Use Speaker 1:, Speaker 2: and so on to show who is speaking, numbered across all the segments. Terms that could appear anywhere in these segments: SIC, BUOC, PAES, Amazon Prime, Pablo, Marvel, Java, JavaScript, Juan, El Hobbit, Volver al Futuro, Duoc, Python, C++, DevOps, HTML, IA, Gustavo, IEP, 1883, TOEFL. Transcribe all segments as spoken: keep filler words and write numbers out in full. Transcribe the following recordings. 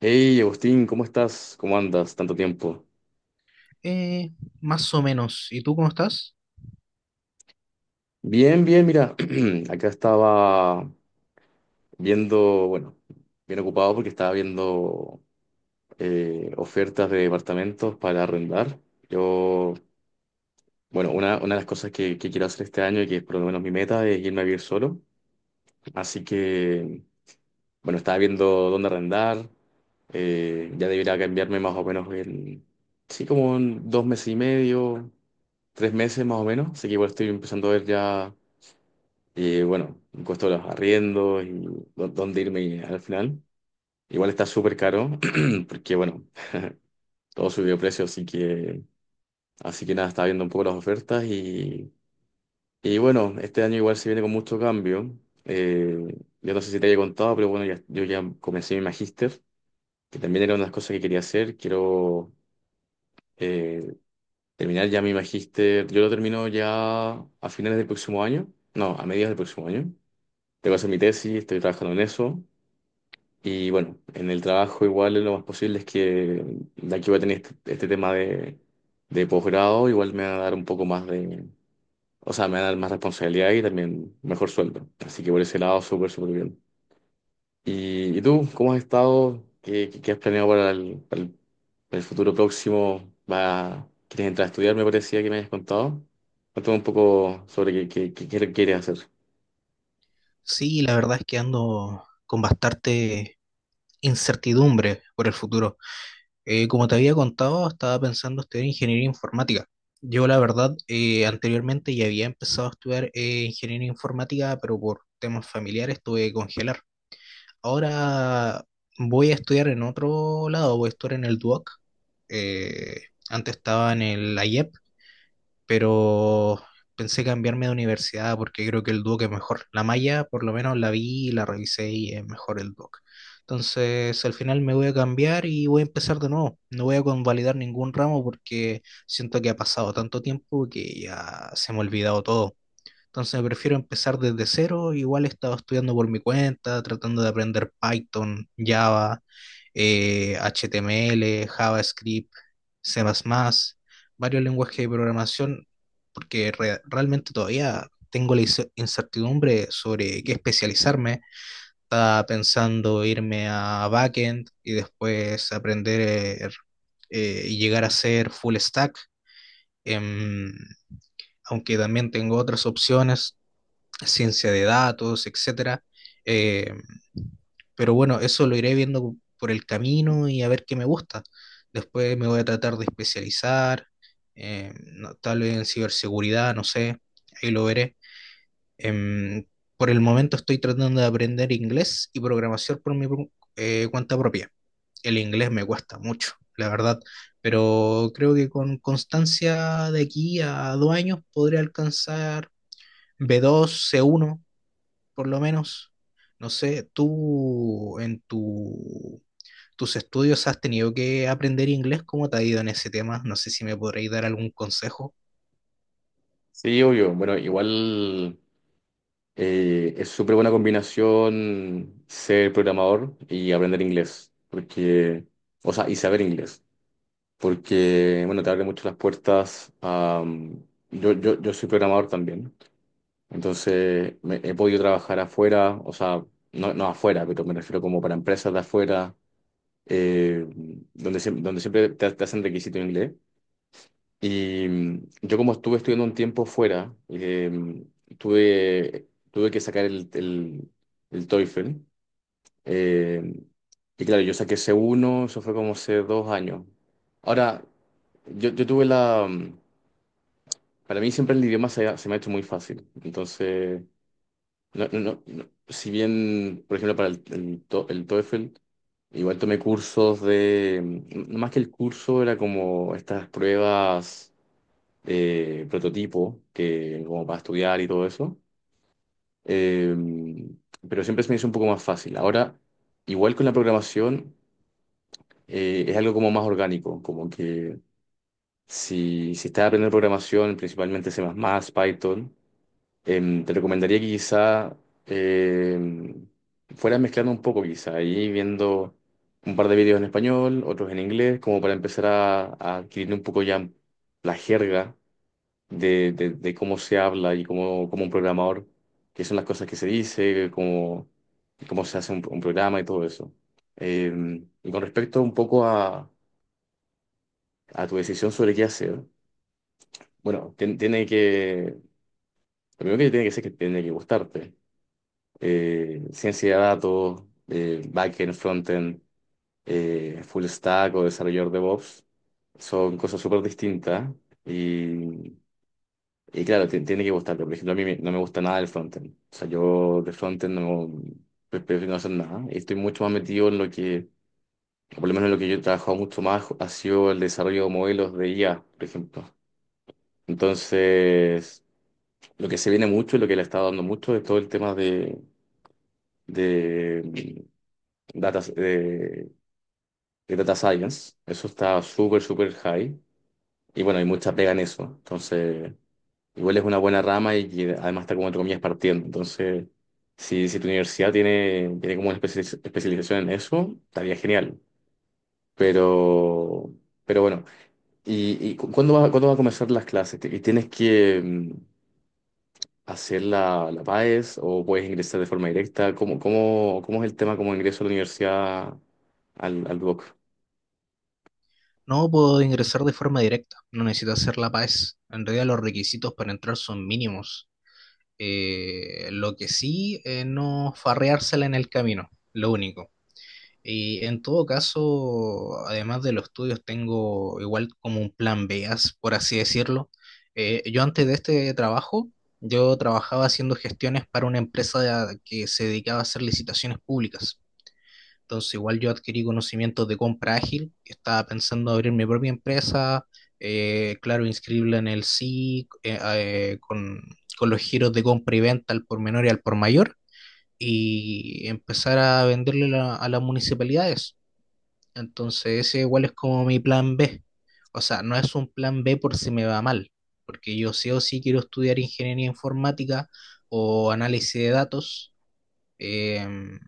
Speaker 1: Hey, Agustín, ¿cómo estás? ¿Cómo andas? Tanto tiempo.
Speaker 2: Eh, Más o menos. ¿Y tú cómo estás?
Speaker 1: Bien, bien, mira, acá estaba viendo, bueno, bien ocupado porque estaba viendo eh, ofertas de departamentos para arrendar. Yo, bueno, una, una de las cosas que, que quiero hacer este año y que es por lo menos mi meta es irme a vivir solo. Así que, bueno, estaba viendo dónde arrendar. Eh, ya debería cambiarme más o menos en, sí, como en dos meses y medio, tres meses más o menos. Así que igual estoy empezando a ver ya. Y bueno, el costo de los arriendos y dó- dónde irme al final. Igual está súper caro, porque bueno, todo subió de precio, así que, así que nada, estaba viendo un poco las ofertas, y, y bueno, este año igual se viene con mucho cambio. Eh, yo no sé si te había contado, pero bueno, ya- yo ya comencé mi magíster, que también era una de las cosas que quería hacer. Quiero eh, terminar ya mi magíster. Yo lo termino ya a finales del próximo año, no, a mediados del próximo año. Tengo que hacer mi tesis, estoy trabajando en eso. Y bueno, en el trabajo igual lo más posible es que, ya que voy a tener este, este tema de, de posgrado, igual me va a dar un poco más de, o sea, me va a dar más responsabilidad y también mejor sueldo. Así que por ese lado, súper, súper bien. ¿Y, y tú, ¿cómo has estado? ¿Qué, qué, qué has planeado para el, para el, para el futuro próximo? ¿Va, Quieres entrar a estudiar? Me parecía que me habías contado. Cuéntame un poco sobre qué, qué, qué qué quieres hacer.
Speaker 2: Sí, la verdad es que ando con bastante incertidumbre por el futuro. Eh, como te había contado, estaba pensando estudiar ingeniería informática. Yo, la verdad, eh, anteriormente ya había empezado a estudiar eh, ingeniería informática, pero por temas familiares tuve que congelar. Ahora voy a estudiar en otro lado, voy a estudiar en el Duoc. Eh, Antes estaba en el I E P, pero pensé cambiarme de universidad porque creo que el Duoc es mejor. La malla, por lo menos la vi, y la revisé y es mejor el Duoc. Entonces, al final me voy a cambiar y voy a empezar de nuevo. No voy a convalidar ningún ramo porque siento que ha pasado tanto tiempo que ya se me ha olvidado todo. Entonces prefiero empezar desde cero. Igual he estado estudiando por mi cuenta, tratando de aprender Python, Java, eh, H T M L, JavaScript, C++, varios lenguajes de programación, porque re- realmente todavía tengo la ince- incertidumbre sobre qué especializarme. Estaba pensando irme a backend y después aprender eh, y llegar a ser full stack. em, Aunque también tengo otras opciones, ciencia de datos, etcétera. Eh, pero bueno, eso lo iré viendo por el camino y a ver qué me gusta. Después me voy a tratar de especializar, eh, no- tal vez en ciberseguridad, no sé, ahí lo veré. Em, por el momento estoy tratando de aprender inglés y programación por mi pro- eh, cuenta propia. El inglés me cuesta mucho, la verdad, pero creo que con constancia de aquí a dos años podré alcanzar b dos, c uno por lo menos. No sé, tú en tu, tus estudios has tenido que aprender inglés, ¿cómo te ha ido en ese tema? No sé si me podréis dar algún consejo.
Speaker 1: Sí, obvio. Bueno, igual, Eh, es súper buena combinación ser programador y aprender inglés, porque, o sea, y saber inglés, porque, bueno, te abre mucho las puertas a... mm, yo, yo, yo soy programador también, entonces me- he podido trabajar afuera, o sea, no, no afuera, pero me refiero como para empresas de afuera, eh, donde, siem- donde siempre te, te hacen requisito en inglés. Y mm, yo como estuve estudiando un tiempo fuera, eh, mm, tuve, tuve que sacar el, el, el TOEFL. eh, y claro, yo saqué c uno. Eso fue como hace dos años. Ahora, yo, yo tuve la... mm, para mí siempre el idioma se, ha- se me ha hecho muy fácil. Entonces, no, no, no- no- si bien, por ejemplo, para el, el, to- el TOEFL, igual tomé cursos de... mm, no, más que el curso, era como estas pruebas eh, prototipo, que, como para estudiar y todo eso. Eh, pero siempre se me hizo un poco más fácil. Ahora, igual con la programación, eh, es algo como más orgánico, como que si, si estás aprendiendo programación, principalmente C++, Python, em, te recomendaría que quizá em, fueras mezclando un poco, quizá, ahí viendo un par de vídeos en español, otros en inglés, como para empezar a, a adquirir un poco ya la jerga de, de- de cómo se habla y cómo, cómo un programador, qué son las cosas que se dice, cómo, cómo se hace un, un programa y todo eso. Eh, y con respecto un poco a, a tu decisión sobre qué hacer, bueno, tien- tiene que, lo primero que tiene que ser que tiene que gustarte. Eh, ciencia de datos, eh, backend, frontend, eh, full stack o desarrollador DevOps, son cosas súper distintas. Y Y claro, ti- tiene que gustarte. Por ejemplo, a mí me- no me gusta nada el frontend. O sea, yo de frontend no pre- prefiero no hacer nada. Y estoy mucho más metido en lo que, o por lo menos en lo que yo he trabajado mucho más, ha sido el desarrollo de modelos de I A, por ejemplo. Entonces, lo que se viene mucho y lo que le está dando mucho es todo el tema de, de, mm, data, de, de data science. Eso está súper, súper high. Y bueno, hay mucha pega en eso. Entonces, igual es una buena rama y que además está como entre comillas partiendo. Entonces, si, si tu universidad tiene, tiene como una especi- especialización en eso, estaría genial. Pero, pero bueno, ¿y, y cu- cuándo va, cuándo va a comenzar las clases? ¿Te- y ¿Tienes que mm, hacer la, la PAES o puedes ingresar de forma directa? ¿Cómo, cómo, cómo es el tema como ingreso a la universidad al, al BUOC?
Speaker 2: No puedo ingresar de forma directa, no necesito hacer la P A E S. En realidad los requisitos para entrar son mínimos. Eh, lo que sí, eh, no farreársela en el camino, lo único. Y en todo caso, además de los estudios, tengo igual como un plan B, as- por así decirlo. Eh, yo antes de este trabajo, yo trabajaba haciendo gestiones para una empresa que se dedicaba a hacer licitaciones públicas. Entonces, igual yo adquirí conocimientos de compra ágil, estaba pensando abrir mi propia empresa, eh, claro, inscribirla en el S I C, eh, eh, con, con los giros de compra y venta al por menor y al por mayor, y empezar a venderle la- a las municipalidades. Entonces ese igual es como mi plan B. O sea, no es un plan B por si me va mal, porque yo sí o sí quiero estudiar ingeniería informática o análisis de datos, em,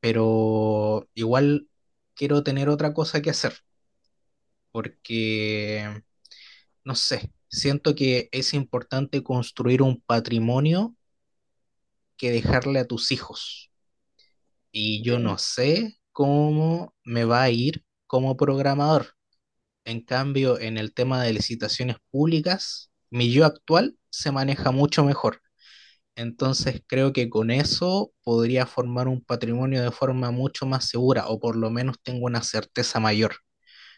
Speaker 2: pero igual quiero tener otra cosa que hacer, porque, no sé, siento que es importante construir un patrimonio que dejarle a tus hijos. Y yo
Speaker 1: Mm.
Speaker 2: no sé cómo me va a ir como programador. En cambio, en el tema de licitaciones públicas, mi yo actual se maneja mucho mejor. Entonces creo que con eso podría formar un patrimonio de forma mucho más segura o por lo menos tengo una certeza mayor.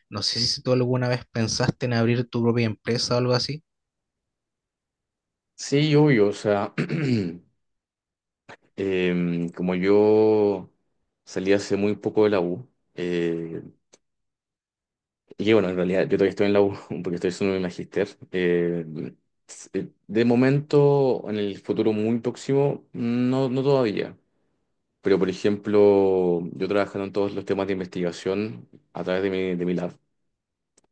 Speaker 2: No sé si tú alguna vez pensaste en abrir tu propia empresa o algo así.
Speaker 1: Sí, obvio, o sea, em, como yo salí hace muy poco de la U. Y que bueno, en realidad yo todavía estoy en la U porque estoy haciendo mi magíster. Eh, s- eh, de momento, en el futuro muy próximo, no, no todavía. Pero por ejemplo, yo trabajando en todos los temas de investigación a través de mi, de mi lab,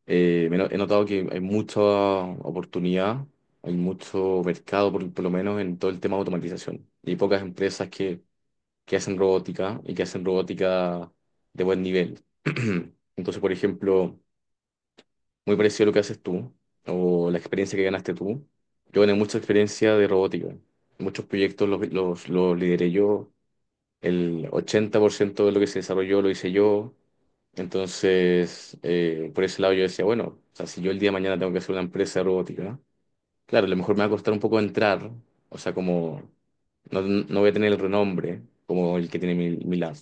Speaker 1: eh, me no- he notado que hay mucha oportunidad, hay mucho mercado, por, por lo menos en todo el tema de automatización. Y hay pocas empresas que, que hacen robótica y que hacen robótica de buen nivel. Entonces, por ejemplo muy parecido a lo que haces tú o la experiencia que ganaste tú. Yo gané mucha experiencia de robótica. Muchos proyectos los, los, los lideré yo. El ochenta por ciento de lo que se desarrolló lo hice yo. Entonces, eh, por ese lado yo decía, bueno, o sea, si yo el día de mañana tengo que hacer una empresa de robótica, claro, a lo mejor me va a costar un poco entrar, o sea, como no, no voy a tener el renombre como el que tiene mi, mi lab,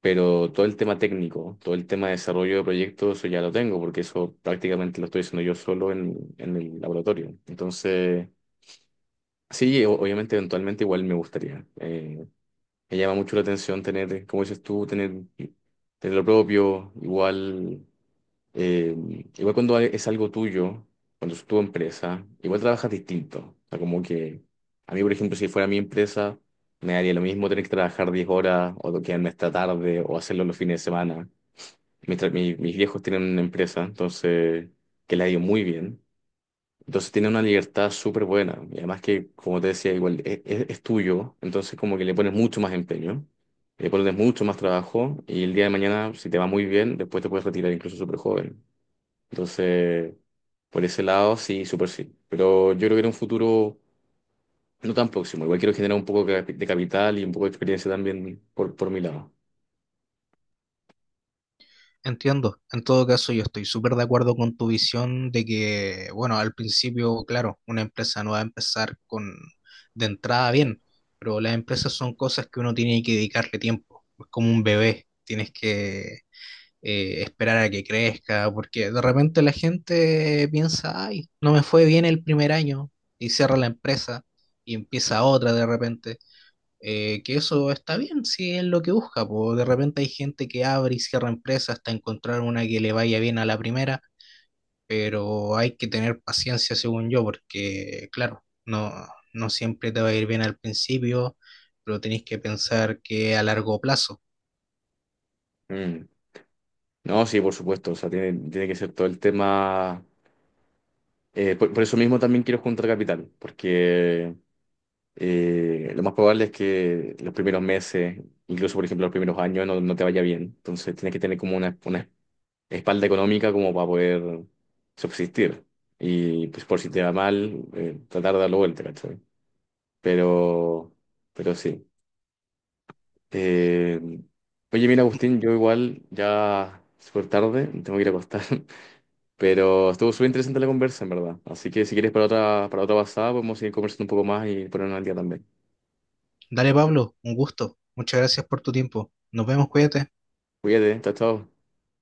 Speaker 1: pero todo el tema técnico, todo el tema de desarrollo de proyectos, eso ya lo tengo, porque eso prácticamente lo estoy haciendo yo solo en, en el laboratorio. Entonces, sí, o- obviamente eventualmente igual me gustaría. Eh, me llama mucho la atención tener, como dices tú, tener, tener lo propio, igual, eh, igual cuando es algo tuyo, cuando es tu empresa, igual trabajas distinto. O sea, como que a mí, por ejemplo, si fuera mi empresa, me daría lo mismo tener que trabajar diez horas o quedarme esta tarde o hacerlo los fines de semana. Mi tra- mi- mis viejos tienen una empresa, entonces, que le ha ido muy bien. Entonces tiene una libertad súper buena. Y además que, como te decía, igual e- e- es tuyo, entonces como que le pones mucho más empeño, le pones mucho más trabajo y el día de mañana, si te va muy bien, después te puedes retirar incluso súper joven. Entonces, por ese lado, sí, súper sí. Pero yo creo que en un futuro no tan próximo, igual quiero generar un poco de capi- de capital y un poco de experiencia también por, por mi lado.
Speaker 2: Entiendo. En todo caso, yo estoy súper de acuerdo con tu visión de que, bueno, al principio, claro, una empresa no va a empezar con de entrada bien, pero las empresas son cosas que uno tiene que dedicarle tiempo. Es como un bebé, tienes que eh, esperar a que crezca, porque de repente la gente piensa, ay, no me fue bien el primer año y cierra la empresa y empieza otra de repente, eh, que eso está bien si es lo que busca, po. De repente hay gente que abre y cierra empresas hasta encontrar una que le vaya bien a la primera, pero hay que tener paciencia según yo, porque claro, no, no siempre te va a ir bien al principio, pero tenés que pensar que a largo plazo.
Speaker 1: Mm. No, sí, por supuesto, o sea, tiene, tiene que ser todo el tema. Eh, por, por eso mismo también quiero juntar capital, porque eh, lo más probable es que los primeros meses, incluso por ejemplo los primeros años, no, no te vaya bien. Entonces tienes que tener como una, una espalda económica como para poder subsistir. Y pues por si te va mal, eh, tratar de darlo vuelta, ¿cachai? Pero, pero sí. Eh, Oye, mira, Agustín, yo igual ya súper tarde, me tengo que ir a acostar. Pero estuvo súper interesante la conversa, en verdad. Así que si quieres para otra, para otra pasada, podemos seguir conversando un poco más y ponernos al día también.
Speaker 2: Dale, Pablo, un gusto. Muchas gracias por tu tiempo. Nos vemos, cuídate.
Speaker 1: Cuídate, chao, chao.